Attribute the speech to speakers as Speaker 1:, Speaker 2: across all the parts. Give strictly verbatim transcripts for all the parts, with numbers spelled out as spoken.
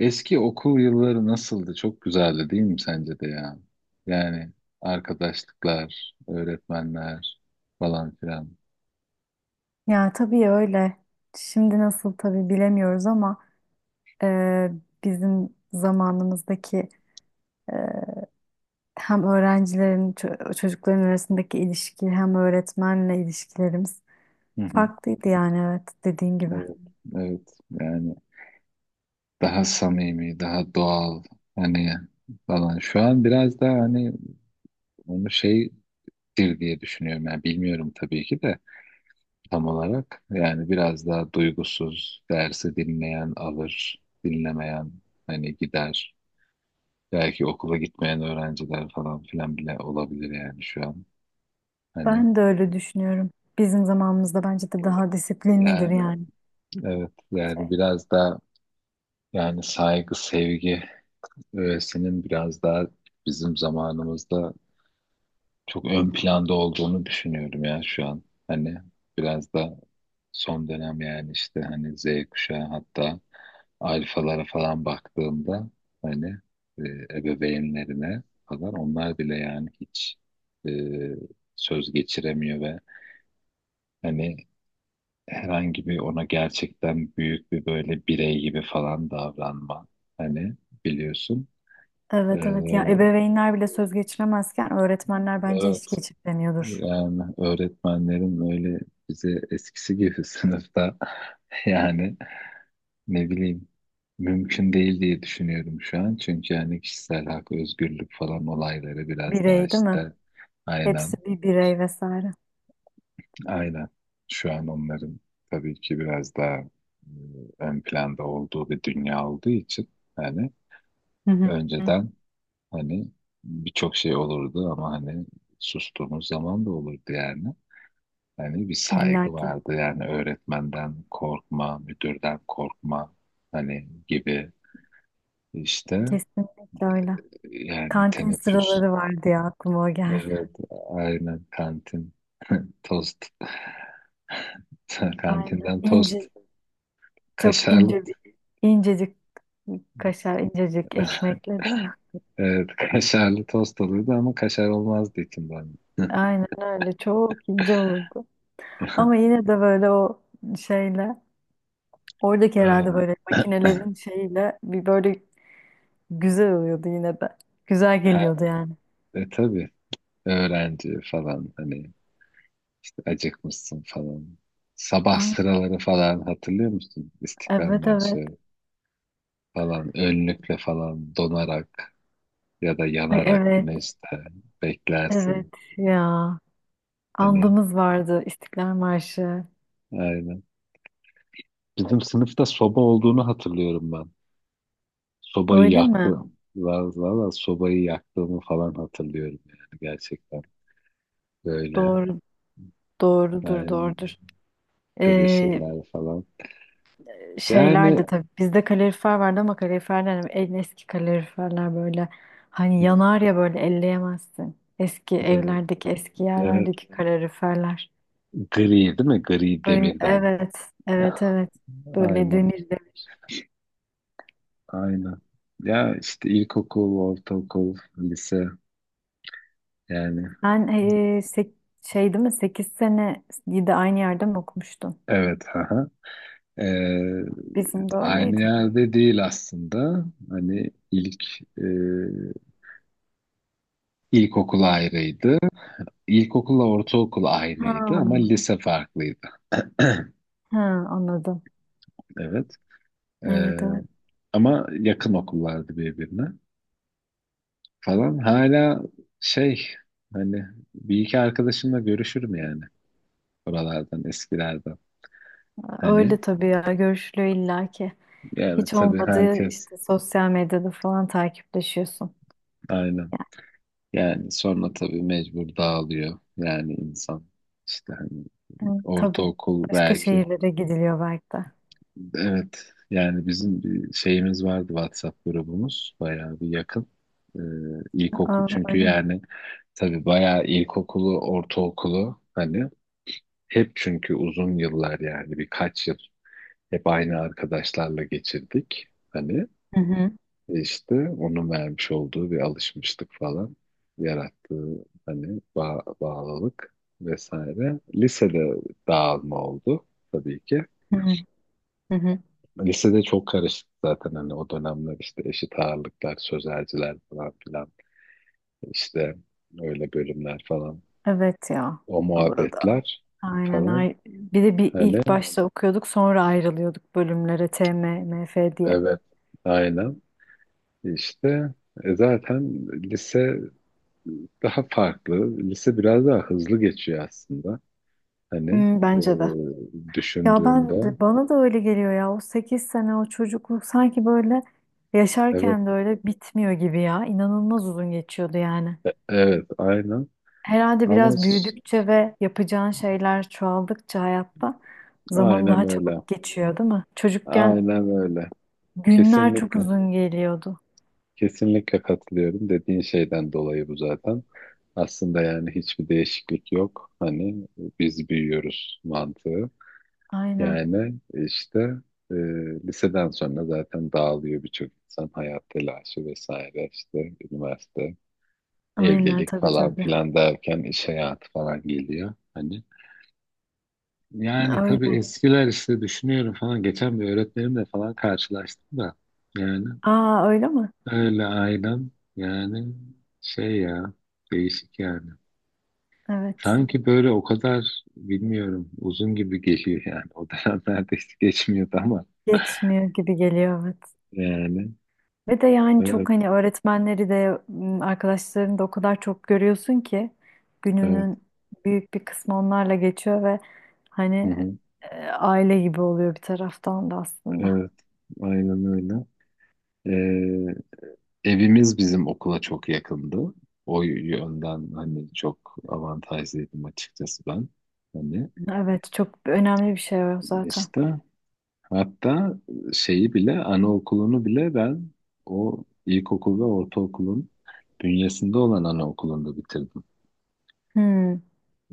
Speaker 1: Eski okul yılları nasıldı? Çok güzeldi değil mi sence de ya? Yani arkadaşlıklar, öğretmenler falan filan.
Speaker 2: Ya tabii öyle. Şimdi nasıl tabii bilemiyoruz ama e, bizim zamanımızdaki e, hem öğrencilerin, ço- çocukların arasındaki ilişki hem öğretmenle ilişkilerimiz
Speaker 1: Hı hı.
Speaker 2: farklıydı yani evet dediğin gibi.
Speaker 1: Evet, evet. Yani daha samimi, daha doğal hani falan. Şu an biraz daha hani onu şeydir diye düşünüyorum. Yani bilmiyorum tabii ki de tam olarak. Yani biraz daha duygusuz, dersi dinleyen alır, dinlemeyen hani gider. Belki okula gitmeyen öğrenciler falan filan bile olabilir yani şu an. Hani
Speaker 2: Ben de öyle düşünüyorum. Bizim zamanımızda bence de daha disiplinlidir
Speaker 1: yani
Speaker 2: yani.
Speaker 1: evet yani
Speaker 2: Şey.
Speaker 1: biraz daha yani saygı, sevgi öğesinin biraz daha bizim zamanımızda çok ön planda olduğunu düşünüyorum ya şu an. Hani biraz da son dönem yani işte hani Z kuşağı hatta alfalara falan baktığımda hani e, ebeveynlerine falan onlar bile yani hiç e, söz geçiremiyor ve hani herhangi bir ona gerçekten büyük bir böyle birey gibi falan davranma hani biliyorsun. E,
Speaker 2: Evet evet ya, ebeveynler bile söz geçiremezken öğretmenler bence
Speaker 1: evet,
Speaker 2: hiç geçiremiyordur.
Speaker 1: yani öğretmenlerin öyle bize eskisi gibi sınıfta yani ne bileyim mümkün değil diye düşünüyorum şu an. Çünkü yani kişisel hak, özgürlük falan olayları biraz daha
Speaker 2: Birey değil mi?
Speaker 1: işte
Speaker 2: Hepsi
Speaker 1: aynen
Speaker 2: bir birey vesaire.
Speaker 1: aynen şu an onların tabii ki biraz daha e, ön planda olduğu bir dünya olduğu için hani
Speaker 2: Hı hı.
Speaker 1: önceden hani birçok şey olurdu ama hani sustuğumuz zaman da olurdu yani. Hani bir
Speaker 2: İlla
Speaker 1: saygı
Speaker 2: ki.
Speaker 1: vardı yani öğretmenden korkma, müdürden korkma hani gibi işte
Speaker 2: Kesinlikle öyle.
Speaker 1: yani
Speaker 2: Kantin
Speaker 1: teneffüs
Speaker 2: sıraları vardı ya, aklıma o geldi.
Speaker 1: evet aynen kantin tost
Speaker 2: Aynen.
Speaker 1: kantinden tost
Speaker 2: İnce, çok
Speaker 1: kaşarlı
Speaker 2: ince bir, incecik kaşar, incecik ekmekle değil mi?
Speaker 1: evet kaşarlı tost oluyordu ama kaşar olmazdı içinde hani.
Speaker 2: Aynen öyle. Çok ince olurdu. Ama yine de böyle o şeyle, oradaki herhalde
Speaker 1: Ee,
Speaker 2: böyle makinelerin şeyiyle bir böyle güzel oluyordu yine de. Güzel
Speaker 1: ha,
Speaker 2: geliyordu yani.
Speaker 1: e tabii öğrenci falan hani işte acıkmışsın falan sabah
Speaker 2: Ay,
Speaker 1: sıraları falan hatırlıyor musun İstiklal
Speaker 2: evet evet.
Speaker 1: Marşı falan önlükle falan donarak ya da
Speaker 2: Ay,
Speaker 1: yanarak
Speaker 2: evet
Speaker 1: güneşte beklersin.
Speaker 2: evet ya.
Speaker 1: Hani
Speaker 2: Andımız vardı, İstiklal Marşı.
Speaker 1: aynen. Bizim sınıfta soba olduğunu hatırlıyorum ben. Sobayı
Speaker 2: Öyle mi?
Speaker 1: yaktım. Valla valla sobayı yaktığımı falan hatırlıyorum yani gerçekten. Böyle.
Speaker 2: Doğru Doğrudur,
Speaker 1: Aynen.
Speaker 2: doğrudur. Ee,
Speaker 1: Tebeşirler falan.
Speaker 2: şeyler
Speaker 1: Yani
Speaker 2: de tabii, bizde kalorifer vardı ama kaloriferler hani en eski kaloriferler böyle, hani yanar ya, böyle elleyemezsin. Eski
Speaker 1: evet,
Speaker 2: evlerdeki, eski
Speaker 1: evet.
Speaker 2: yerlerdeki kaloriferler.
Speaker 1: Gri değil mi? Gri
Speaker 2: Böyle
Speaker 1: demirden.
Speaker 2: evet, evet, evet. Böyle
Speaker 1: Aynen.
Speaker 2: demir demir.
Speaker 1: Aynen. Ya işte ilkokul, ortaokul, lise yani.
Speaker 2: Sen ee, sek- şey değil mi, sekiz sene de aynı yerde mi okumuştun?
Speaker 1: Evet. Aha. Ee,
Speaker 2: Bizim de
Speaker 1: aynı
Speaker 2: öyleydi.
Speaker 1: yerde değil aslında. Hani ilk e, ilkokul ayrıydı. İlkokulla ortaokul aynıydı ama
Speaker 2: Ha,
Speaker 1: lise farklıydı.
Speaker 2: ha, anladım.
Speaker 1: Evet. Ee,
Speaker 2: Evet evet.
Speaker 1: ama yakın okullardı birbirine falan. Hala şey hani bir iki arkadaşımla görüşürüm yani oralardan eskilerden. Hani
Speaker 2: Öyle tabii ya, görüşülüyor illaki.
Speaker 1: yani
Speaker 2: Hiç
Speaker 1: tabii
Speaker 2: olmadığı
Speaker 1: herkes
Speaker 2: işte sosyal medyada falan takipleşiyorsun.
Speaker 1: aynen. Yani sonra tabii mecbur dağılıyor. Yani insan işte hani
Speaker 2: Yani, hı, tabii.
Speaker 1: ortaokul
Speaker 2: Başka
Speaker 1: belki.
Speaker 2: şehirlere gidiliyor belki de.
Speaker 1: Evet, yani bizim bir şeyimiz vardı vatsap grubumuz. Bayağı bir yakın. Ee, ilkokul
Speaker 2: Aa,
Speaker 1: çünkü
Speaker 2: öyle mi?
Speaker 1: yani tabii bayağı ilkokulu, ortaokulu hani hep çünkü uzun yıllar yani birkaç yıl hep aynı arkadaşlarla geçirdik. Hani
Speaker 2: Hı hı,
Speaker 1: işte onun vermiş olduğu bir alışmışlık falan yarattığı hani bağ- bağlılık vesaire. Lisede dağılma oldu tabii ki.
Speaker 2: hı hı, hı hı.
Speaker 1: Lisede çok karışık zaten hani o dönemler işte eşit ağırlıklar, sözelciler falan filan işte öyle bölümler falan
Speaker 2: Evet ya.
Speaker 1: o
Speaker 2: Burada.
Speaker 1: muhabbetler
Speaker 2: Aynen.
Speaker 1: falan
Speaker 2: ay- Bir de bir
Speaker 1: hani
Speaker 2: ilk başta okuyorduk, sonra ayrılıyorduk bölümlere, T M, M F diye.
Speaker 1: evet aynen işte e, zaten lise daha farklı lise biraz daha hızlı geçiyor aslında hani
Speaker 2: Hmm,
Speaker 1: e,
Speaker 2: bence de. Ya ben
Speaker 1: düşündüğünde
Speaker 2: de, bana da öyle geliyor ya. O sekiz sene, o çocukluk sanki böyle
Speaker 1: evet
Speaker 2: yaşarken de öyle bitmiyor gibi ya. İnanılmaz uzun geçiyordu yani.
Speaker 1: evet aynen
Speaker 2: Herhalde
Speaker 1: ama
Speaker 2: biraz
Speaker 1: s-
Speaker 2: büyüdükçe ve yapacağın şeyler çoğaldıkça hayatta zaman
Speaker 1: aynen
Speaker 2: daha
Speaker 1: öyle
Speaker 2: çabuk geçiyor, değil mi? Çocukken
Speaker 1: aynen öyle
Speaker 2: günler çok
Speaker 1: kesinlikle
Speaker 2: uzun geliyordu.
Speaker 1: kesinlikle katılıyorum. Dediğin şeyden dolayı bu zaten. Aslında yani hiçbir değişiklik yok. Hani biz büyüyoruz mantığı.
Speaker 2: Aynen,
Speaker 1: Yani işte e, liseden sonra zaten dağılıyor birçok insan. Hayat telaşı vesaire işte üniversite,
Speaker 2: aynen,
Speaker 1: evlilik
Speaker 2: tabii
Speaker 1: falan
Speaker 2: tabii.
Speaker 1: filan derken iş hayatı falan geliyor. Hani yani tabii
Speaker 2: Öyle.
Speaker 1: eskiler işte düşünüyorum falan. Geçen bir öğretmenimle falan karşılaştım da. Yani
Speaker 2: Aa öyle mi?
Speaker 1: öyle ailem yani şey ya değişik yani.
Speaker 2: Evet.
Speaker 1: Sanki böyle o kadar bilmiyorum uzun gibi geliyor yani. O dönem neredeyse geçmiyordu ama
Speaker 2: Geçmiyor gibi geliyor, evet.
Speaker 1: yani
Speaker 2: Ve de yani çok
Speaker 1: evet
Speaker 2: hani öğretmenleri de, m, arkadaşlarını da o kadar çok görüyorsun ki
Speaker 1: evet
Speaker 2: gününün büyük bir kısmı onlarla geçiyor ve
Speaker 1: hı
Speaker 2: hani
Speaker 1: hı,
Speaker 2: e, aile gibi oluyor bir taraftan da aslında.
Speaker 1: evet aynen öyle. Ee, evimiz bizim okula çok yakındı. O yönden hani çok avantajlıydım açıkçası ben. Hani
Speaker 2: Evet, çok önemli bir şey o zaten.
Speaker 1: işte hatta şeyi bile, anaokulunu bile ben o ilkokul ve ortaokulun bünyesinde olan anaokulunda bitirdim
Speaker 2: Hmm.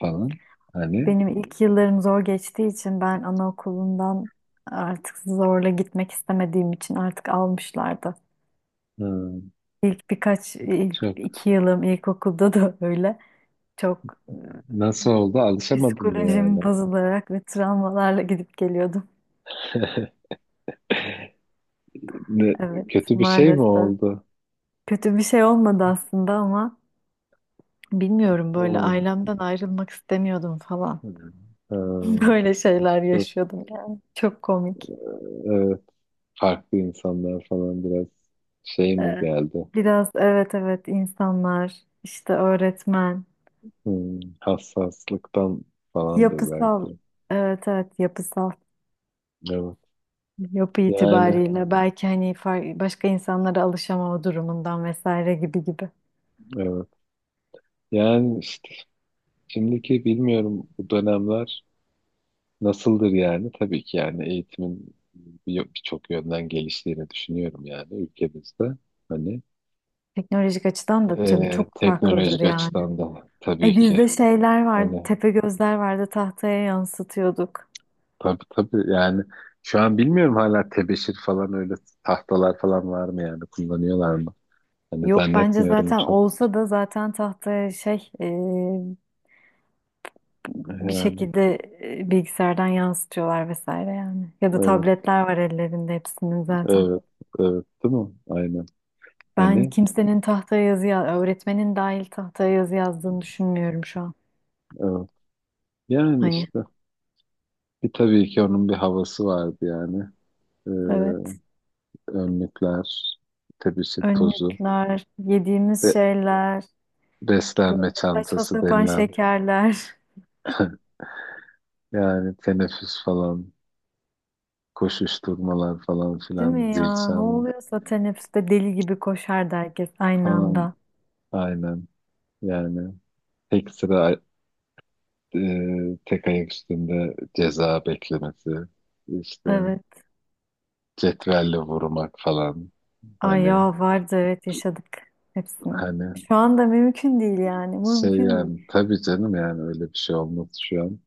Speaker 1: falan. Hani
Speaker 2: Benim ilk yıllarım zor geçtiği için ben anaokulundan, artık zorla gitmek istemediğim için artık almışlardı.
Speaker 1: hı,
Speaker 2: İlk birkaç, ilk
Speaker 1: çok
Speaker 2: iki yılım ilkokulda da öyle. Çok
Speaker 1: nasıl oldu
Speaker 2: e,
Speaker 1: alışamadın mı yani?
Speaker 2: psikolojim bozularak ve travmalarla gidip geliyordum.
Speaker 1: Ne,
Speaker 2: Evet,
Speaker 1: kötü bir şey mi
Speaker 2: maalesef.
Speaker 1: oldu?
Speaker 2: Kötü bir şey olmadı aslında ama bilmiyorum, böyle
Speaker 1: Hı.
Speaker 2: ailemden ayrılmak istemiyordum falan.
Speaker 1: Hı. Hı.
Speaker 2: Böyle şeyler
Speaker 1: Çok
Speaker 2: yaşıyordum yani. Çok komik.
Speaker 1: evet, farklı insanlar falan biraz şey mi
Speaker 2: Ee,
Speaker 1: geldi?
Speaker 2: Biraz evet evet, insanlar işte, öğretmen
Speaker 1: Hı, hassaslıktan falandır
Speaker 2: yapısal,
Speaker 1: belki.
Speaker 2: evet evet, yapısal
Speaker 1: Evet.
Speaker 2: yapı
Speaker 1: Yani
Speaker 2: itibariyle belki hani far- başka insanlara alışamama durumundan vesaire, gibi gibi.
Speaker 1: evet. Yani işte şimdiki bilmiyorum bu dönemler nasıldır yani. Tabii ki yani eğitimin bir- birçok yönden geliştiğini düşünüyorum yani ülkemizde. Hani
Speaker 2: Teknolojik açıdan da tabii
Speaker 1: e,
Speaker 2: çok farklıdır
Speaker 1: teknolojik
Speaker 2: yani.
Speaker 1: açıdan da
Speaker 2: E
Speaker 1: tabii ki.
Speaker 2: bizde şeyler vardı,
Speaker 1: Hani
Speaker 2: tepe gözler vardı, tahtaya yansıtıyorduk.
Speaker 1: tabii tabii yani şu an bilmiyorum hala tebeşir falan öyle tahtalar falan var mı yani kullanıyorlar mı? Hani
Speaker 2: Yok, bence
Speaker 1: zannetmiyorum
Speaker 2: zaten
Speaker 1: çok.
Speaker 2: olsa da zaten tahtaya şey, bir
Speaker 1: Yani
Speaker 2: şekilde e, bilgisayardan yansıtıyorlar vesaire yani. Ya da
Speaker 1: evet
Speaker 2: tabletler var ellerinde hepsinin zaten.
Speaker 1: evet evet değil mi? Aynen.
Speaker 2: Ben
Speaker 1: Hani
Speaker 2: kimsenin tahtaya yazı, ya- öğretmenin dahil tahtaya yazı yazdığını düşünmüyorum şu an.
Speaker 1: evet. Yani
Speaker 2: Hani
Speaker 1: işte bir tabii ki onun bir havası vardı yani. e,
Speaker 2: evet,
Speaker 1: önlükler, tebeşir tozu
Speaker 2: önlükler, yediğimiz
Speaker 1: ve
Speaker 2: şeyler, böyle
Speaker 1: beslenme
Speaker 2: saçma
Speaker 1: çantası
Speaker 2: sapan
Speaker 1: denilen
Speaker 2: şekerler.
Speaker 1: yani teneffüs falan, koşuşturmalar falan
Speaker 2: Değil mi
Speaker 1: filan, zil
Speaker 2: ya? Ne
Speaker 1: çalma
Speaker 2: oluyorsa teneffüste deli gibi koşardı herkes aynı
Speaker 1: falan
Speaker 2: anda.
Speaker 1: aynen yani tek sıra e, tek ayak üstünde ceza beklemesi işte
Speaker 2: Evet.
Speaker 1: cetvelle vurmak falan
Speaker 2: Ay
Speaker 1: hani
Speaker 2: ya, vardı, evet, yaşadık hepsini.
Speaker 1: hani
Speaker 2: Şu anda mümkün değil yani.
Speaker 1: şey
Speaker 2: Mümkün
Speaker 1: yani
Speaker 2: değil.
Speaker 1: tabii canım yani öyle bir şey olmaz şu an.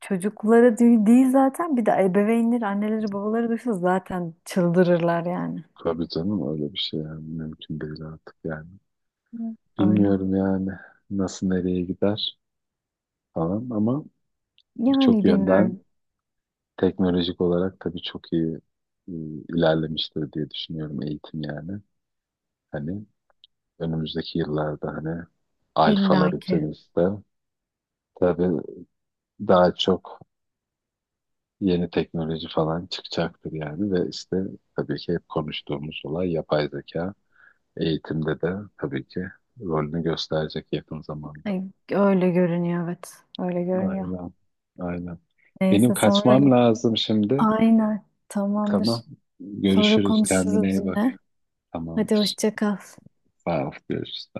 Speaker 2: Çocuklara değil değil zaten, bir de ebeveynleri, anneleri, babaları duysa zaten çıldırırlar yani.
Speaker 1: Tabii canım öyle bir şey yani mümkün değil artık yani.
Speaker 2: Hı. Öyle.
Speaker 1: Bilmiyorum yani nasıl nereye gider falan ama birçok
Speaker 2: Yani
Speaker 1: yönden
Speaker 2: bilmiyorum,
Speaker 1: teknolojik olarak tabii çok iyi e, ilerlemiştir diye düşünüyorum eğitim yani. Hani önümüzdeki yıllarda hani alfalar
Speaker 2: illaki.
Speaker 1: içerisinde tabii daha çok yeni teknoloji falan çıkacaktır yani ve işte tabii ki hep konuştuğumuz olay yapay zeka eğitimde de tabii ki rolünü gösterecek yakın zamanda.
Speaker 2: Ay, öyle görünüyor evet. Öyle görünüyor.
Speaker 1: Aynen. Aynen. Benim
Speaker 2: Neyse, sonra
Speaker 1: kaçmam lazım şimdi.
Speaker 2: aynen tamamdır.
Speaker 1: Tamam.
Speaker 2: Sonra
Speaker 1: Görüşürüz. Kendine
Speaker 2: konuşuruz
Speaker 1: iyi bak.
Speaker 2: yine. Hadi
Speaker 1: Tamamdır.
Speaker 2: hoşça kal.
Speaker 1: Sağ ol. Görüşürüz.